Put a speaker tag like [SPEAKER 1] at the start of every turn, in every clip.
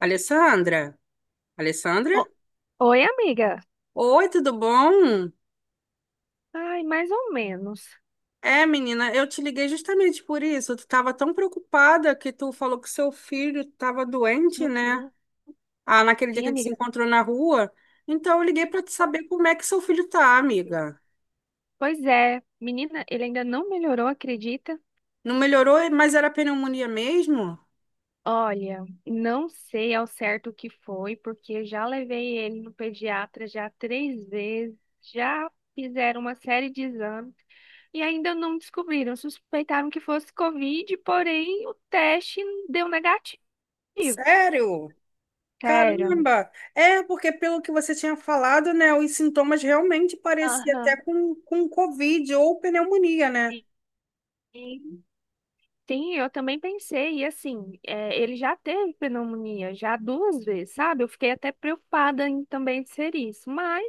[SPEAKER 1] Alessandra? Alessandra?
[SPEAKER 2] O- Oi, amiga.
[SPEAKER 1] Oi, tudo bom?
[SPEAKER 2] Ai, mais ou menos.
[SPEAKER 1] É, menina, eu te liguei justamente por isso. Tu tava tão preocupada que tu falou que seu filho tava doente, né?
[SPEAKER 2] Uhum.
[SPEAKER 1] Ah, naquele dia
[SPEAKER 2] Sim,
[SPEAKER 1] que ele se
[SPEAKER 2] amiga.
[SPEAKER 1] encontrou na rua. Então eu liguei pra te saber como é que seu filho tá, amiga.
[SPEAKER 2] Pois é, menina, ele ainda não melhorou, acredita?
[SPEAKER 1] Não melhorou, mas era pneumonia mesmo?
[SPEAKER 2] Olha, não sei ao certo o que foi, porque já levei ele no pediatra já três vezes, já fizeram uma série de exames e ainda não descobriram. Suspeitaram que fosse Covid, porém o teste deu negativo.
[SPEAKER 1] Sério?
[SPEAKER 2] Sério, amiga.
[SPEAKER 1] Caramba! É, porque pelo que você tinha falado, né, os sintomas realmente pareciam até
[SPEAKER 2] Aham.
[SPEAKER 1] com Covid ou pneumonia, né?
[SPEAKER 2] Sim. Sim, eu também pensei, e assim, ele já teve pneumonia, já duas vezes, sabe? Eu fiquei até preocupada em também ser isso, mas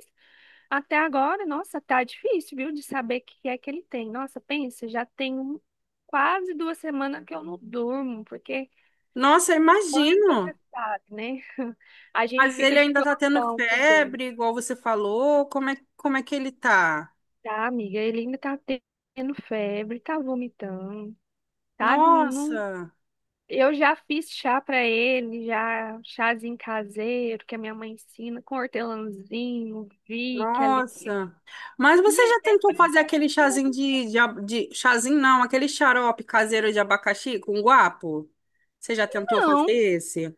[SPEAKER 2] até agora, nossa, tá difícil, viu, de saber o que é que ele tem. Nossa, pensa, já tem quase 2 semanas que eu não durmo, porque
[SPEAKER 1] Nossa, eu
[SPEAKER 2] mãe, você
[SPEAKER 1] imagino.
[SPEAKER 2] sabe, né? A gente
[SPEAKER 1] Mas
[SPEAKER 2] fica
[SPEAKER 1] ele
[SPEAKER 2] de
[SPEAKER 1] ainda tá tendo
[SPEAKER 2] plantão cuidando,
[SPEAKER 1] febre, igual você falou. Como é que ele tá?
[SPEAKER 2] tá, amiga? Ele ainda tá tendo febre, tá vomitando, sabe? Não
[SPEAKER 1] Nossa,
[SPEAKER 2] Eu já fiz chá para ele, já chazinho caseiro que a minha mãe ensina com hortelãzinho, Vick, ali.
[SPEAKER 1] nossa. Mas você
[SPEAKER 2] Menina,
[SPEAKER 1] já
[SPEAKER 2] é
[SPEAKER 1] tentou fazer
[SPEAKER 2] impressionante.
[SPEAKER 1] aquele chazinho de chazinho, não, aquele xarope caseiro de abacaxi com guapo? Você já tentou fazer
[SPEAKER 2] Não,
[SPEAKER 1] esse?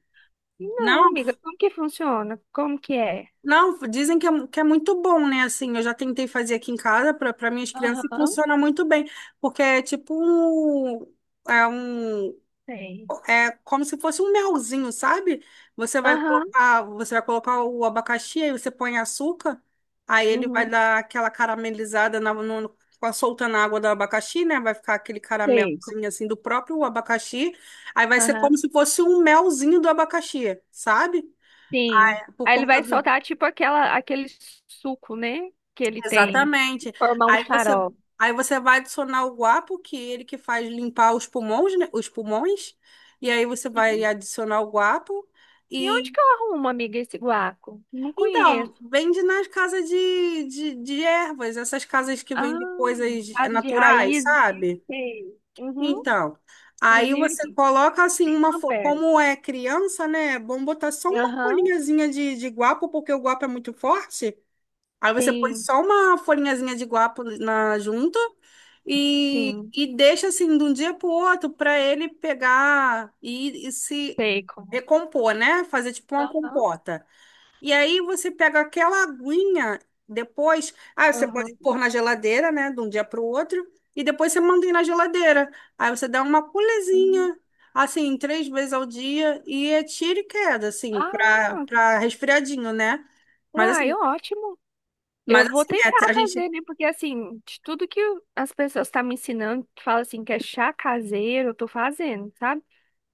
[SPEAKER 1] Não,
[SPEAKER 2] não, amiga. Como que funciona? Como que é?
[SPEAKER 1] não, dizem que é muito bom, né? Assim, eu já tentei fazer aqui em casa para minhas crianças e
[SPEAKER 2] Aham,
[SPEAKER 1] funciona muito bem, porque é é um
[SPEAKER 2] sei.
[SPEAKER 1] como se fosse um melzinho, sabe? Você vai
[SPEAKER 2] Aham,
[SPEAKER 1] colocar, você vai colocar o abacaxi, aí você põe açúcar, aí ele vai
[SPEAKER 2] uhum,
[SPEAKER 1] dar aquela caramelizada na, no, com a- soltando a água do abacaxi, né? Vai ficar aquele
[SPEAKER 2] sei.
[SPEAKER 1] caramelzinho assim do próprio abacaxi. Aí vai ser como
[SPEAKER 2] Aham,
[SPEAKER 1] se fosse um melzinho do abacaxi, sabe?
[SPEAKER 2] sim.
[SPEAKER 1] É, por
[SPEAKER 2] Aí ele
[SPEAKER 1] conta
[SPEAKER 2] vai
[SPEAKER 1] do.
[SPEAKER 2] soltar tipo aquele suco, né? Que ele tem.
[SPEAKER 1] Exatamente.
[SPEAKER 2] Formar um
[SPEAKER 1] Aí você,
[SPEAKER 2] xarope.
[SPEAKER 1] aí você vai adicionar o guapo, que é ele que faz limpar os pulmões, né? Os pulmões. E aí você vai
[SPEAKER 2] Sim.
[SPEAKER 1] adicionar o guapo.
[SPEAKER 2] E onde
[SPEAKER 1] E
[SPEAKER 2] que eu arrumo, amiga, esse guaco? Não
[SPEAKER 1] Então,
[SPEAKER 2] conheço.
[SPEAKER 1] vende nas casas de ervas, essas casas que
[SPEAKER 2] Ah,
[SPEAKER 1] vendem coisas
[SPEAKER 2] caso de
[SPEAKER 1] naturais,
[SPEAKER 2] raiz, né?
[SPEAKER 1] sabe?
[SPEAKER 2] Sei. Uhum.
[SPEAKER 1] Então, aí
[SPEAKER 2] Inclusive
[SPEAKER 1] você
[SPEAKER 2] aqui,
[SPEAKER 1] coloca assim
[SPEAKER 2] tem uma perna.
[SPEAKER 1] como é criança, né? É bom botar só uma
[SPEAKER 2] Aham,
[SPEAKER 1] folhinhazinha de guapo, porque o guapo é muito forte. Aí você põe
[SPEAKER 2] sim,
[SPEAKER 1] só uma folhinhazinha de guapo na junto e,
[SPEAKER 2] sim,
[SPEAKER 1] e deixa assim de um dia pro outro para ele pegar e se
[SPEAKER 2] sei como.
[SPEAKER 1] recompor, né? Fazer tipo uma
[SPEAKER 2] Aham,
[SPEAKER 1] compota. E aí você pega aquela aguinha depois, você pode
[SPEAKER 2] aham.
[SPEAKER 1] pôr na geladeira, né, de um dia para o outro, e depois você mantém na geladeira. Aí você dá uma
[SPEAKER 2] Uhum.
[SPEAKER 1] pulezinha, assim, três vezes ao dia, e é tiro e queda, assim, para
[SPEAKER 2] Ah,
[SPEAKER 1] para resfriadinho, né? Mas
[SPEAKER 2] uai,
[SPEAKER 1] assim,
[SPEAKER 2] ótimo.
[SPEAKER 1] mas
[SPEAKER 2] Eu vou
[SPEAKER 1] assim, é,
[SPEAKER 2] tentar
[SPEAKER 1] a gente.
[SPEAKER 2] fazer, né? Porque assim, de tudo que as pessoas estão me ensinando, que fala assim que é chá caseiro, eu tô fazendo, sabe?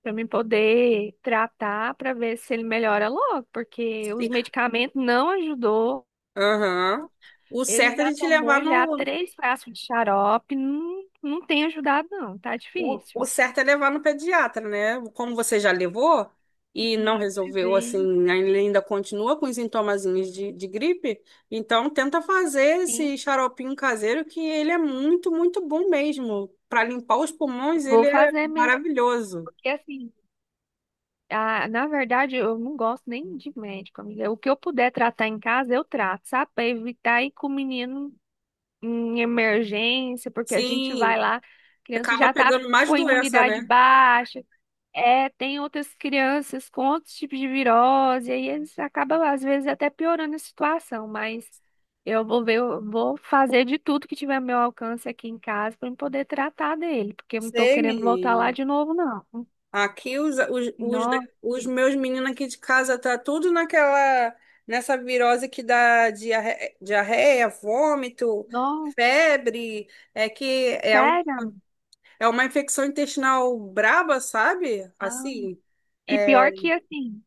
[SPEAKER 2] Pra mim poder tratar, pra ver se ele melhora logo, porque os medicamentos não ajudou.
[SPEAKER 1] Aham. O
[SPEAKER 2] Ele
[SPEAKER 1] certo é a
[SPEAKER 2] já
[SPEAKER 1] gente levar
[SPEAKER 2] tomou já
[SPEAKER 1] no.
[SPEAKER 2] três frascos de xarope, não, não tem ajudado não, tá
[SPEAKER 1] O
[SPEAKER 2] difícil.
[SPEAKER 1] certo é levar no pediatra, né? Como você já levou e não
[SPEAKER 2] Sim,
[SPEAKER 1] resolveu, assim,
[SPEAKER 2] sim,
[SPEAKER 1] ele ainda continua com os sintomazinhos de gripe, então tenta fazer
[SPEAKER 2] sim.
[SPEAKER 1] esse xaropinho caseiro que ele é muito, muito bom mesmo. Para limpar os pulmões, ele
[SPEAKER 2] Vou
[SPEAKER 1] é
[SPEAKER 2] fazer mesmo,
[SPEAKER 1] maravilhoso.
[SPEAKER 2] porque assim, na verdade eu não gosto nem de médico, amiga. O que eu puder tratar em casa, eu trato, sabe? Pra evitar ir com o menino em emergência, porque a gente vai
[SPEAKER 1] Sim,
[SPEAKER 2] lá, a criança
[SPEAKER 1] acaba
[SPEAKER 2] já tá
[SPEAKER 1] pegando mais
[SPEAKER 2] com a
[SPEAKER 1] doença,
[SPEAKER 2] imunidade
[SPEAKER 1] né?
[SPEAKER 2] baixa. É, tem outras crianças com outros tipos de virose, e aí eles acabam, às vezes, até piorando a situação, mas eu vou ver, eu vou fazer de tudo que tiver ao meu alcance aqui em casa para poder tratar dele, porque eu não tô
[SPEAKER 1] Sei,
[SPEAKER 2] querendo voltar lá
[SPEAKER 1] menino.
[SPEAKER 2] de novo, não.
[SPEAKER 1] Aqui os
[SPEAKER 2] Nossa,
[SPEAKER 1] os meus meninos aqui de casa tá tudo naquela nessa virose que dá diarreia, diarreia, vômito,
[SPEAKER 2] nossa,
[SPEAKER 1] febre, é que é, um,
[SPEAKER 2] sério, amiga?
[SPEAKER 1] é uma infecção intestinal braba, sabe?
[SPEAKER 2] Ah.
[SPEAKER 1] Assim,
[SPEAKER 2] E
[SPEAKER 1] é,
[SPEAKER 2] pior que assim,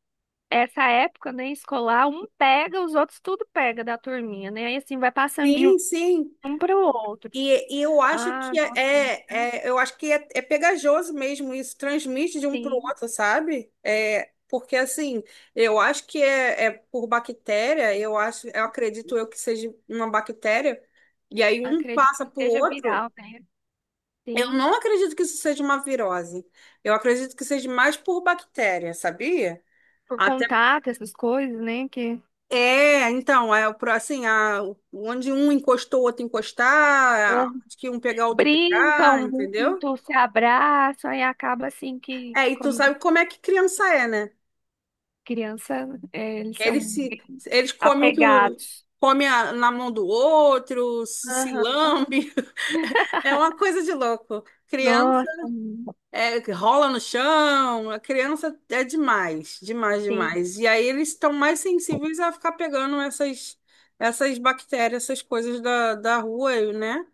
[SPEAKER 2] essa época, né, escolar, um pega, os outros tudo pega da turminha, né? Aí assim vai passando de
[SPEAKER 1] sim, sim.
[SPEAKER 2] um para o outro.
[SPEAKER 1] E eu acho
[SPEAKER 2] Ah,
[SPEAKER 1] que
[SPEAKER 2] nossa,
[SPEAKER 1] é
[SPEAKER 2] amiga,
[SPEAKER 1] é pegajoso mesmo isso, transmite de um para o
[SPEAKER 2] sim,
[SPEAKER 1] outro, sabe? Porque assim, eu acho que é por bactéria, eu acho, eu acredito eu que seja uma bactéria, e aí um
[SPEAKER 2] acredito
[SPEAKER 1] passa
[SPEAKER 2] que
[SPEAKER 1] para o
[SPEAKER 2] seja
[SPEAKER 1] outro.
[SPEAKER 2] viral, né?
[SPEAKER 1] Eu
[SPEAKER 2] Sim,
[SPEAKER 1] não acredito que isso seja uma virose. Eu acredito que seja mais por bactéria, sabia?
[SPEAKER 2] por
[SPEAKER 1] Até
[SPEAKER 2] contato, essas coisas, né? Que...
[SPEAKER 1] é, então, é o pro- assim, a, onde um encostou, o outro
[SPEAKER 2] Ah,
[SPEAKER 1] encostar, onde que um pegar, o outro pegar,
[SPEAKER 2] brincam
[SPEAKER 1] entendeu?
[SPEAKER 2] muito, se abraçam e acaba assim que,
[SPEAKER 1] É, e tu
[SPEAKER 2] como
[SPEAKER 1] sabe como é que criança é, né?
[SPEAKER 2] criança, eles são
[SPEAKER 1] Eles se,
[SPEAKER 2] bem
[SPEAKER 1] eles comem o que o
[SPEAKER 2] apegados.
[SPEAKER 1] come a- na mão do outro, se
[SPEAKER 2] Aham.
[SPEAKER 1] lambe. É uma coisa de louco. Criança
[SPEAKER 2] Nossa,
[SPEAKER 1] que rola no chão, a criança é demais, demais,
[SPEAKER 2] sim.
[SPEAKER 1] demais. E aí eles estão mais sensíveis a ficar pegando essas bactérias, essas coisas da rua, né?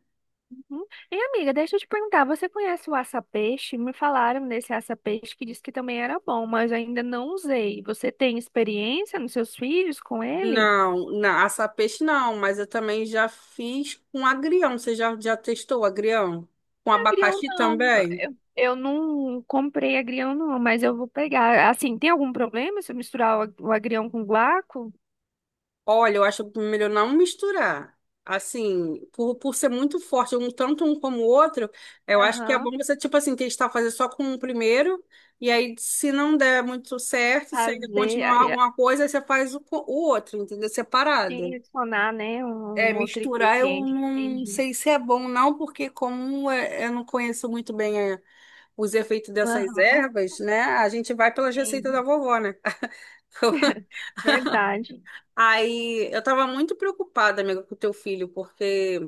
[SPEAKER 2] Uhum. E amiga, deixa eu te perguntar, você conhece o aça-peixe? Me falaram desse aça-peixe que disse que também era bom, mas eu ainda não usei. Você tem experiência nos seus filhos com ele?
[SPEAKER 1] Não, na assar peixe não, mas eu também já fiz com agrião. Você já testou agrião? Com
[SPEAKER 2] Agrião
[SPEAKER 1] abacaxi
[SPEAKER 2] não,
[SPEAKER 1] também?
[SPEAKER 2] eu não comprei agrião não, mas eu vou pegar. Assim, tem algum problema se eu misturar o agrião com guaco?
[SPEAKER 1] Olha, eu acho melhor não misturar. Assim, por ser muito forte, um tanto um como o outro, eu acho que é
[SPEAKER 2] Aham,
[SPEAKER 1] bom você, tipo assim, testar fazer só com o primeiro, e aí se não der muito certo, se ainda
[SPEAKER 2] fazer,
[SPEAKER 1] continuar
[SPEAKER 2] aí,
[SPEAKER 1] alguma coisa, aí você faz o outro, entendeu?
[SPEAKER 2] assim,
[SPEAKER 1] Separado.
[SPEAKER 2] adicionar, né, um
[SPEAKER 1] É,
[SPEAKER 2] um outro
[SPEAKER 1] misturar eu
[SPEAKER 2] ingrediente,
[SPEAKER 1] não
[SPEAKER 2] entendi.
[SPEAKER 1] sei se é bom, não, porque eu não conheço muito bem, os efeitos dessas
[SPEAKER 2] Aham,
[SPEAKER 1] ervas, né? A gente vai pelas receitas da
[SPEAKER 2] sim,
[SPEAKER 1] vovó, né?
[SPEAKER 2] verdade.
[SPEAKER 1] Aí eu tava muito preocupada, amiga, com o teu filho, porque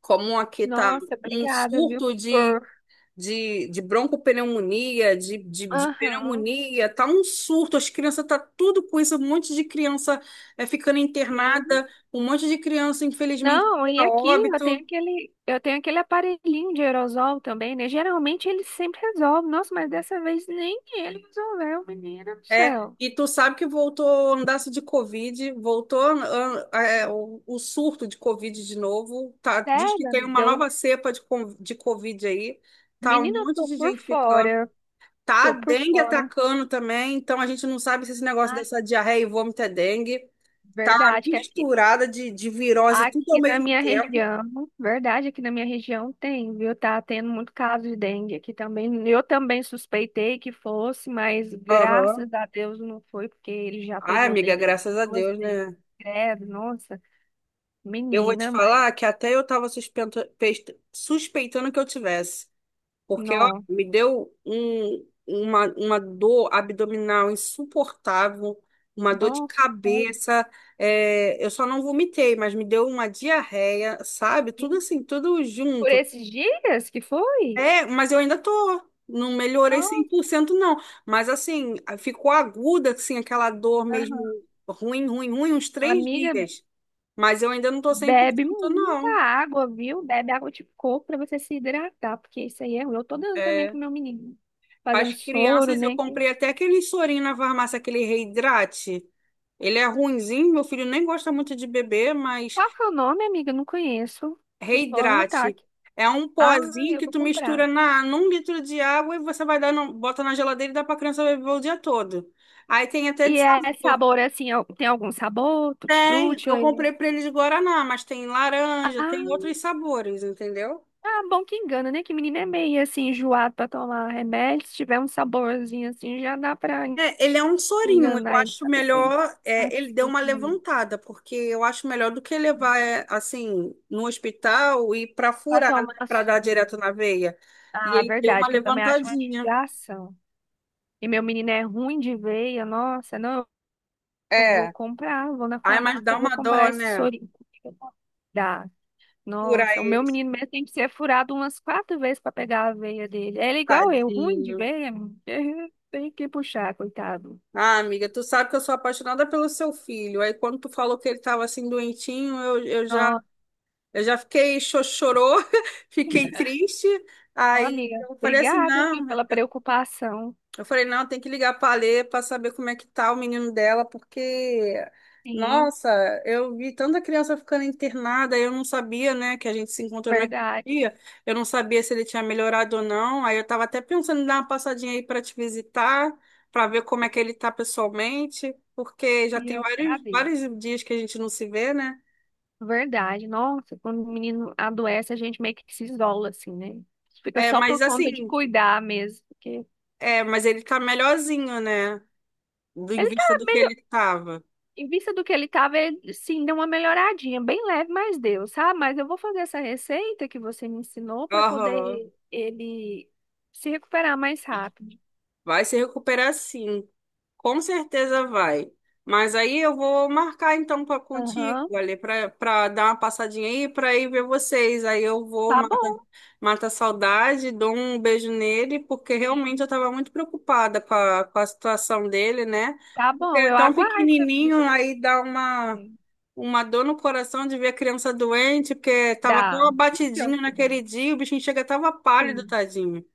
[SPEAKER 1] como aqui tá
[SPEAKER 2] Nossa,
[SPEAKER 1] um
[SPEAKER 2] obrigada, viu,
[SPEAKER 1] surto de,
[SPEAKER 2] por...
[SPEAKER 1] de, de broncopneumonia, de
[SPEAKER 2] Aham,
[SPEAKER 1] pneumonia, tá um surto, as crianças tá tudo com isso, um monte de criança, ficando
[SPEAKER 2] sim.
[SPEAKER 1] internada, um monte de criança, infelizmente,
[SPEAKER 2] Não, e
[SPEAKER 1] a
[SPEAKER 2] aqui eu tenho
[SPEAKER 1] óbito.
[SPEAKER 2] aquele aparelhinho de aerosol também, né? Geralmente ele sempre resolve. Nossa, mas dessa vez nem ele resolveu, menina do
[SPEAKER 1] É,
[SPEAKER 2] céu.
[SPEAKER 1] e tu sabe que voltou andaço de Covid, voltou o surto de Covid de novo, tá, diz que
[SPEAKER 2] Sério,
[SPEAKER 1] tem uma
[SPEAKER 2] amiga?
[SPEAKER 1] nova cepa de Covid aí, tá um
[SPEAKER 2] Menina, eu
[SPEAKER 1] monte
[SPEAKER 2] tô
[SPEAKER 1] de
[SPEAKER 2] por
[SPEAKER 1] gente ficando,
[SPEAKER 2] fora.
[SPEAKER 1] tá a
[SPEAKER 2] Tô por
[SPEAKER 1] dengue
[SPEAKER 2] fora.
[SPEAKER 1] atacando também, então a gente não sabe se esse negócio
[SPEAKER 2] Ah,
[SPEAKER 1] dessa diarreia e vômito é dengue, tá uma
[SPEAKER 2] verdade que
[SPEAKER 1] misturada de virose tudo ao
[SPEAKER 2] aqui na
[SPEAKER 1] mesmo
[SPEAKER 2] minha
[SPEAKER 1] tempo.
[SPEAKER 2] região, verdade, aqui na minha região tem, viu? Tá tendo muito caso de dengue aqui também. Eu também suspeitei que fosse, mas
[SPEAKER 1] Aham.
[SPEAKER 2] graças a Deus não foi, porque ele já
[SPEAKER 1] Ai,
[SPEAKER 2] pegou
[SPEAKER 1] amiga,
[SPEAKER 2] dengue
[SPEAKER 1] graças a
[SPEAKER 2] duas
[SPEAKER 1] Deus,
[SPEAKER 2] vezes.
[SPEAKER 1] né?
[SPEAKER 2] Credo, nossa,
[SPEAKER 1] Eu vou te
[SPEAKER 2] menina, mas
[SPEAKER 1] falar que até eu tava suspeitando que eu tivesse. Porque, ó,
[SPEAKER 2] não,
[SPEAKER 1] me deu uma dor abdominal insuportável, uma dor de
[SPEAKER 2] nossa, sério.
[SPEAKER 1] cabeça. Eu só não vomitei, mas me deu uma diarreia, sabe? Tudo
[SPEAKER 2] que-
[SPEAKER 1] assim, tudo
[SPEAKER 2] Por
[SPEAKER 1] junto.
[SPEAKER 2] esses dias que foi?
[SPEAKER 1] É, mas eu ainda tô. Não melhorei cem por
[SPEAKER 2] Nossa,
[SPEAKER 1] cento não. Mas, assim, ficou aguda, assim, aquela dor
[SPEAKER 2] aham.
[SPEAKER 1] mesmo ruim, ruim, ruim, uns três
[SPEAKER 2] Amiga.
[SPEAKER 1] dias. Mas eu ainda não tô cem por
[SPEAKER 2] Bebe
[SPEAKER 1] cento
[SPEAKER 2] muita
[SPEAKER 1] não.
[SPEAKER 2] água, viu? Bebe água de coco para você se hidratar, porque isso aí é ruim. Eu tô dando também
[SPEAKER 1] É.
[SPEAKER 2] pro meu menino. Fazendo
[SPEAKER 1] As
[SPEAKER 2] soro,
[SPEAKER 1] crianças, eu
[SPEAKER 2] né?
[SPEAKER 1] comprei até aquele sorinho na farmácia, aquele reidrate. Ele é ruinzinho, meu filho nem gosta muito de beber, mas
[SPEAKER 2] Qual que é o nome, amiga? Eu não conheço. Vou anotar
[SPEAKER 1] reidrate.
[SPEAKER 2] aqui.
[SPEAKER 1] É um
[SPEAKER 2] Ah,
[SPEAKER 1] pozinho
[SPEAKER 2] eu
[SPEAKER 1] que
[SPEAKER 2] vou
[SPEAKER 1] tu mistura
[SPEAKER 2] comprar.
[SPEAKER 1] num litro de água e você vai dar, bota na geladeira e dá pra criança beber o dia todo. Aí tem até
[SPEAKER 2] E
[SPEAKER 1] de
[SPEAKER 2] é
[SPEAKER 1] sabor.
[SPEAKER 2] sabor assim, tem algum sabor?
[SPEAKER 1] Tem,
[SPEAKER 2] Tutti-frutti ou
[SPEAKER 1] eu
[SPEAKER 2] ele?
[SPEAKER 1] comprei pra ele de guaraná, mas tem laranja, tem
[SPEAKER 2] Ah,
[SPEAKER 1] outros sabores, entendeu?
[SPEAKER 2] ah, bom que engana, né? Que menino é meio assim, enjoado pra tomar remédio. Se tiver um saborzinho assim, já dá pra
[SPEAKER 1] É, ele é um sorinho. Eu
[SPEAKER 2] enganar ele.
[SPEAKER 1] acho
[SPEAKER 2] Sabe assim?
[SPEAKER 1] melhor. Ele deu uma
[SPEAKER 2] Açúcar.
[SPEAKER 1] levantada, porque eu acho melhor do que levar, assim, no hospital e para
[SPEAKER 2] Pra
[SPEAKER 1] furar,
[SPEAKER 2] tomar
[SPEAKER 1] para dar
[SPEAKER 2] açúcar.
[SPEAKER 1] direto na veia. E
[SPEAKER 2] Ah,
[SPEAKER 1] ele deu uma
[SPEAKER 2] verdade, que eu também acho uma
[SPEAKER 1] levantadinha.
[SPEAKER 2] judiação. E meu menino é ruim de veia, nossa, não, eu vou
[SPEAKER 1] É.
[SPEAKER 2] comprar, eu vou na
[SPEAKER 1] Ai, mas
[SPEAKER 2] farmácia,
[SPEAKER 1] dá
[SPEAKER 2] eu vou
[SPEAKER 1] uma
[SPEAKER 2] comprar
[SPEAKER 1] dó,
[SPEAKER 2] esse
[SPEAKER 1] né?
[SPEAKER 2] sorinho. Dá.
[SPEAKER 1] Furar
[SPEAKER 2] Nossa, o meu
[SPEAKER 1] ele,
[SPEAKER 2] menino mesmo tem que ser furado umas quatro vezes para pegar a veia dele. Ele é igual eu, ruim de
[SPEAKER 1] tadinho.
[SPEAKER 2] veia, tem que puxar, coitado.
[SPEAKER 1] Ah, amiga, tu sabe que eu sou apaixonada pelo seu filho. Aí quando tu falou que ele tava assim doentinho, eu, eu já,
[SPEAKER 2] Nossa,
[SPEAKER 1] eu já fiquei chororô, fiquei triste.
[SPEAKER 2] ó,
[SPEAKER 1] Aí
[SPEAKER 2] amiga,
[SPEAKER 1] eu falei assim,
[SPEAKER 2] obrigada, viu,
[SPEAKER 1] não.
[SPEAKER 2] pela preocupação.
[SPEAKER 1] Eu falei, não, tem que ligar para a Lê para saber como é que tá o menino dela, porque,
[SPEAKER 2] Sim,
[SPEAKER 1] nossa, eu vi tanta criança ficando internada, eu não sabia, né, que a gente se encontrou naquele
[SPEAKER 2] verdade.
[SPEAKER 1] dia, eu não sabia se ele tinha melhorado ou não, aí eu estava até pensando em dar uma passadinha aí para te visitar, para ver como é que ele tá pessoalmente, porque já
[SPEAKER 2] E
[SPEAKER 1] tem
[SPEAKER 2] eu
[SPEAKER 1] vários,
[SPEAKER 2] agradeço.
[SPEAKER 1] vários dias que a gente não se vê, né?
[SPEAKER 2] Verdade. Nossa, quando o menino adoece, a gente meio que se isola, assim, né? Fica
[SPEAKER 1] É,
[SPEAKER 2] só
[SPEAKER 1] mas
[SPEAKER 2] por conta de
[SPEAKER 1] assim,
[SPEAKER 2] cuidar mesmo. Porque
[SPEAKER 1] mas ele tá melhorzinho, né, em
[SPEAKER 2] ele tá,
[SPEAKER 1] vista do que ele tava.
[SPEAKER 2] em vista do que ele tava, ele, sim, deu uma melhoradinha, bem leve, mas deu, sabe? Mas eu vou fazer essa receita que você me ensinou para
[SPEAKER 1] Aham.
[SPEAKER 2] poder ele se recuperar mais rápido.
[SPEAKER 1] Vai se recuperar sim, com certeza vai. Mas aí eu vou marcar então para contigo,
[SPEAKER 2] Aham,
[SPEAKER 1] ali para dar uma passadinha aí, para ir ver vocês. Aí eu vou
[SPEAKER 2] tá
[SPEAKER 1] mata,
[SPEAKER 2] bom.
[SPEAKER 1] mata a saudade, dou um beijo nele, porque realmente eu
[SPEAKER 2] Sim.
[SPEAKER 1] estava muito preocupada com a situação dele, né?
[SPEAKER 2] Tá
[SPEAKER 1] Porque
[SPEAKER 2] bom,
[SPEAKER 1] é
[SPEAKER 2] eu
[SPEAKER 1] tão
[SPEAKER 2] aguardo sua visita.
[SPEAKER 1] pequenininho, aí dá uma
[SPEAKER 2] Sim.
[SPEAKER 1] uma dor no coração de ver a criança doente, porque estava tão
[SPEAKER 2] Dá. Pior
[SPEAKER 1] abatidinho
[SPEAKER 2] que dá.
[SPEAKER 1] naquele dia, o bichinho chega tava pálido,
[SPEAKER 2] Sim.
[SPEAKER 1] tadinho.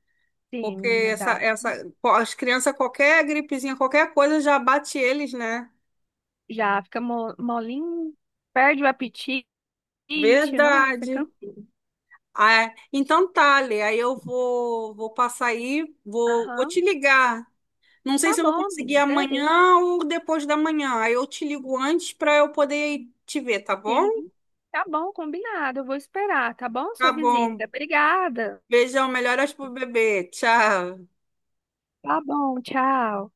[SPEAKER 2] Sim,
[SPEAKER 1] Porque
[SPEAKER 2] menina, dá.
[SPEAKER 1] as crianças, qualquer gripezinha, qualquer coisa já bate eles, né?
[SPEAKER 2] Já fica molinho, perde o apetite. It, nossa,
[SPEAKER 1] Verdade.
[SPEAKER 2] Cancún.
[SPEAKER 1] Ah, é. Então tá, Lê, aí eu vou, vou, passar aí, vou te
[SPEAKER 2] Aham,
[SPEAKER 1] ligar. Não sei
[SPEAKER 2] tá
[SPEAKER 1] se eu vou
[SPEAKER 2] bom, amiga,
[SPEAKER 1] conseguir
[SPEAKER 2] agradeço.
[SPEAKER 1] amanhã ou depois da manhã. Aí eu te ligo antes para eu poder ir te ver, tá bom?
[SPEAKER 2] Sim, tá bom, combinado. Eu vou esperar, tá bom? Sua
[SPEAKER 1] Tá
[SPEAKER 2] visita.
[SPEAKER 1] bom.
[SPEAKER 2] Obrigada.
[SPEAKER 1] Beijão, melhoras pro bebê. Tchau.
[SPEAKER 2] Tá bom, tchau.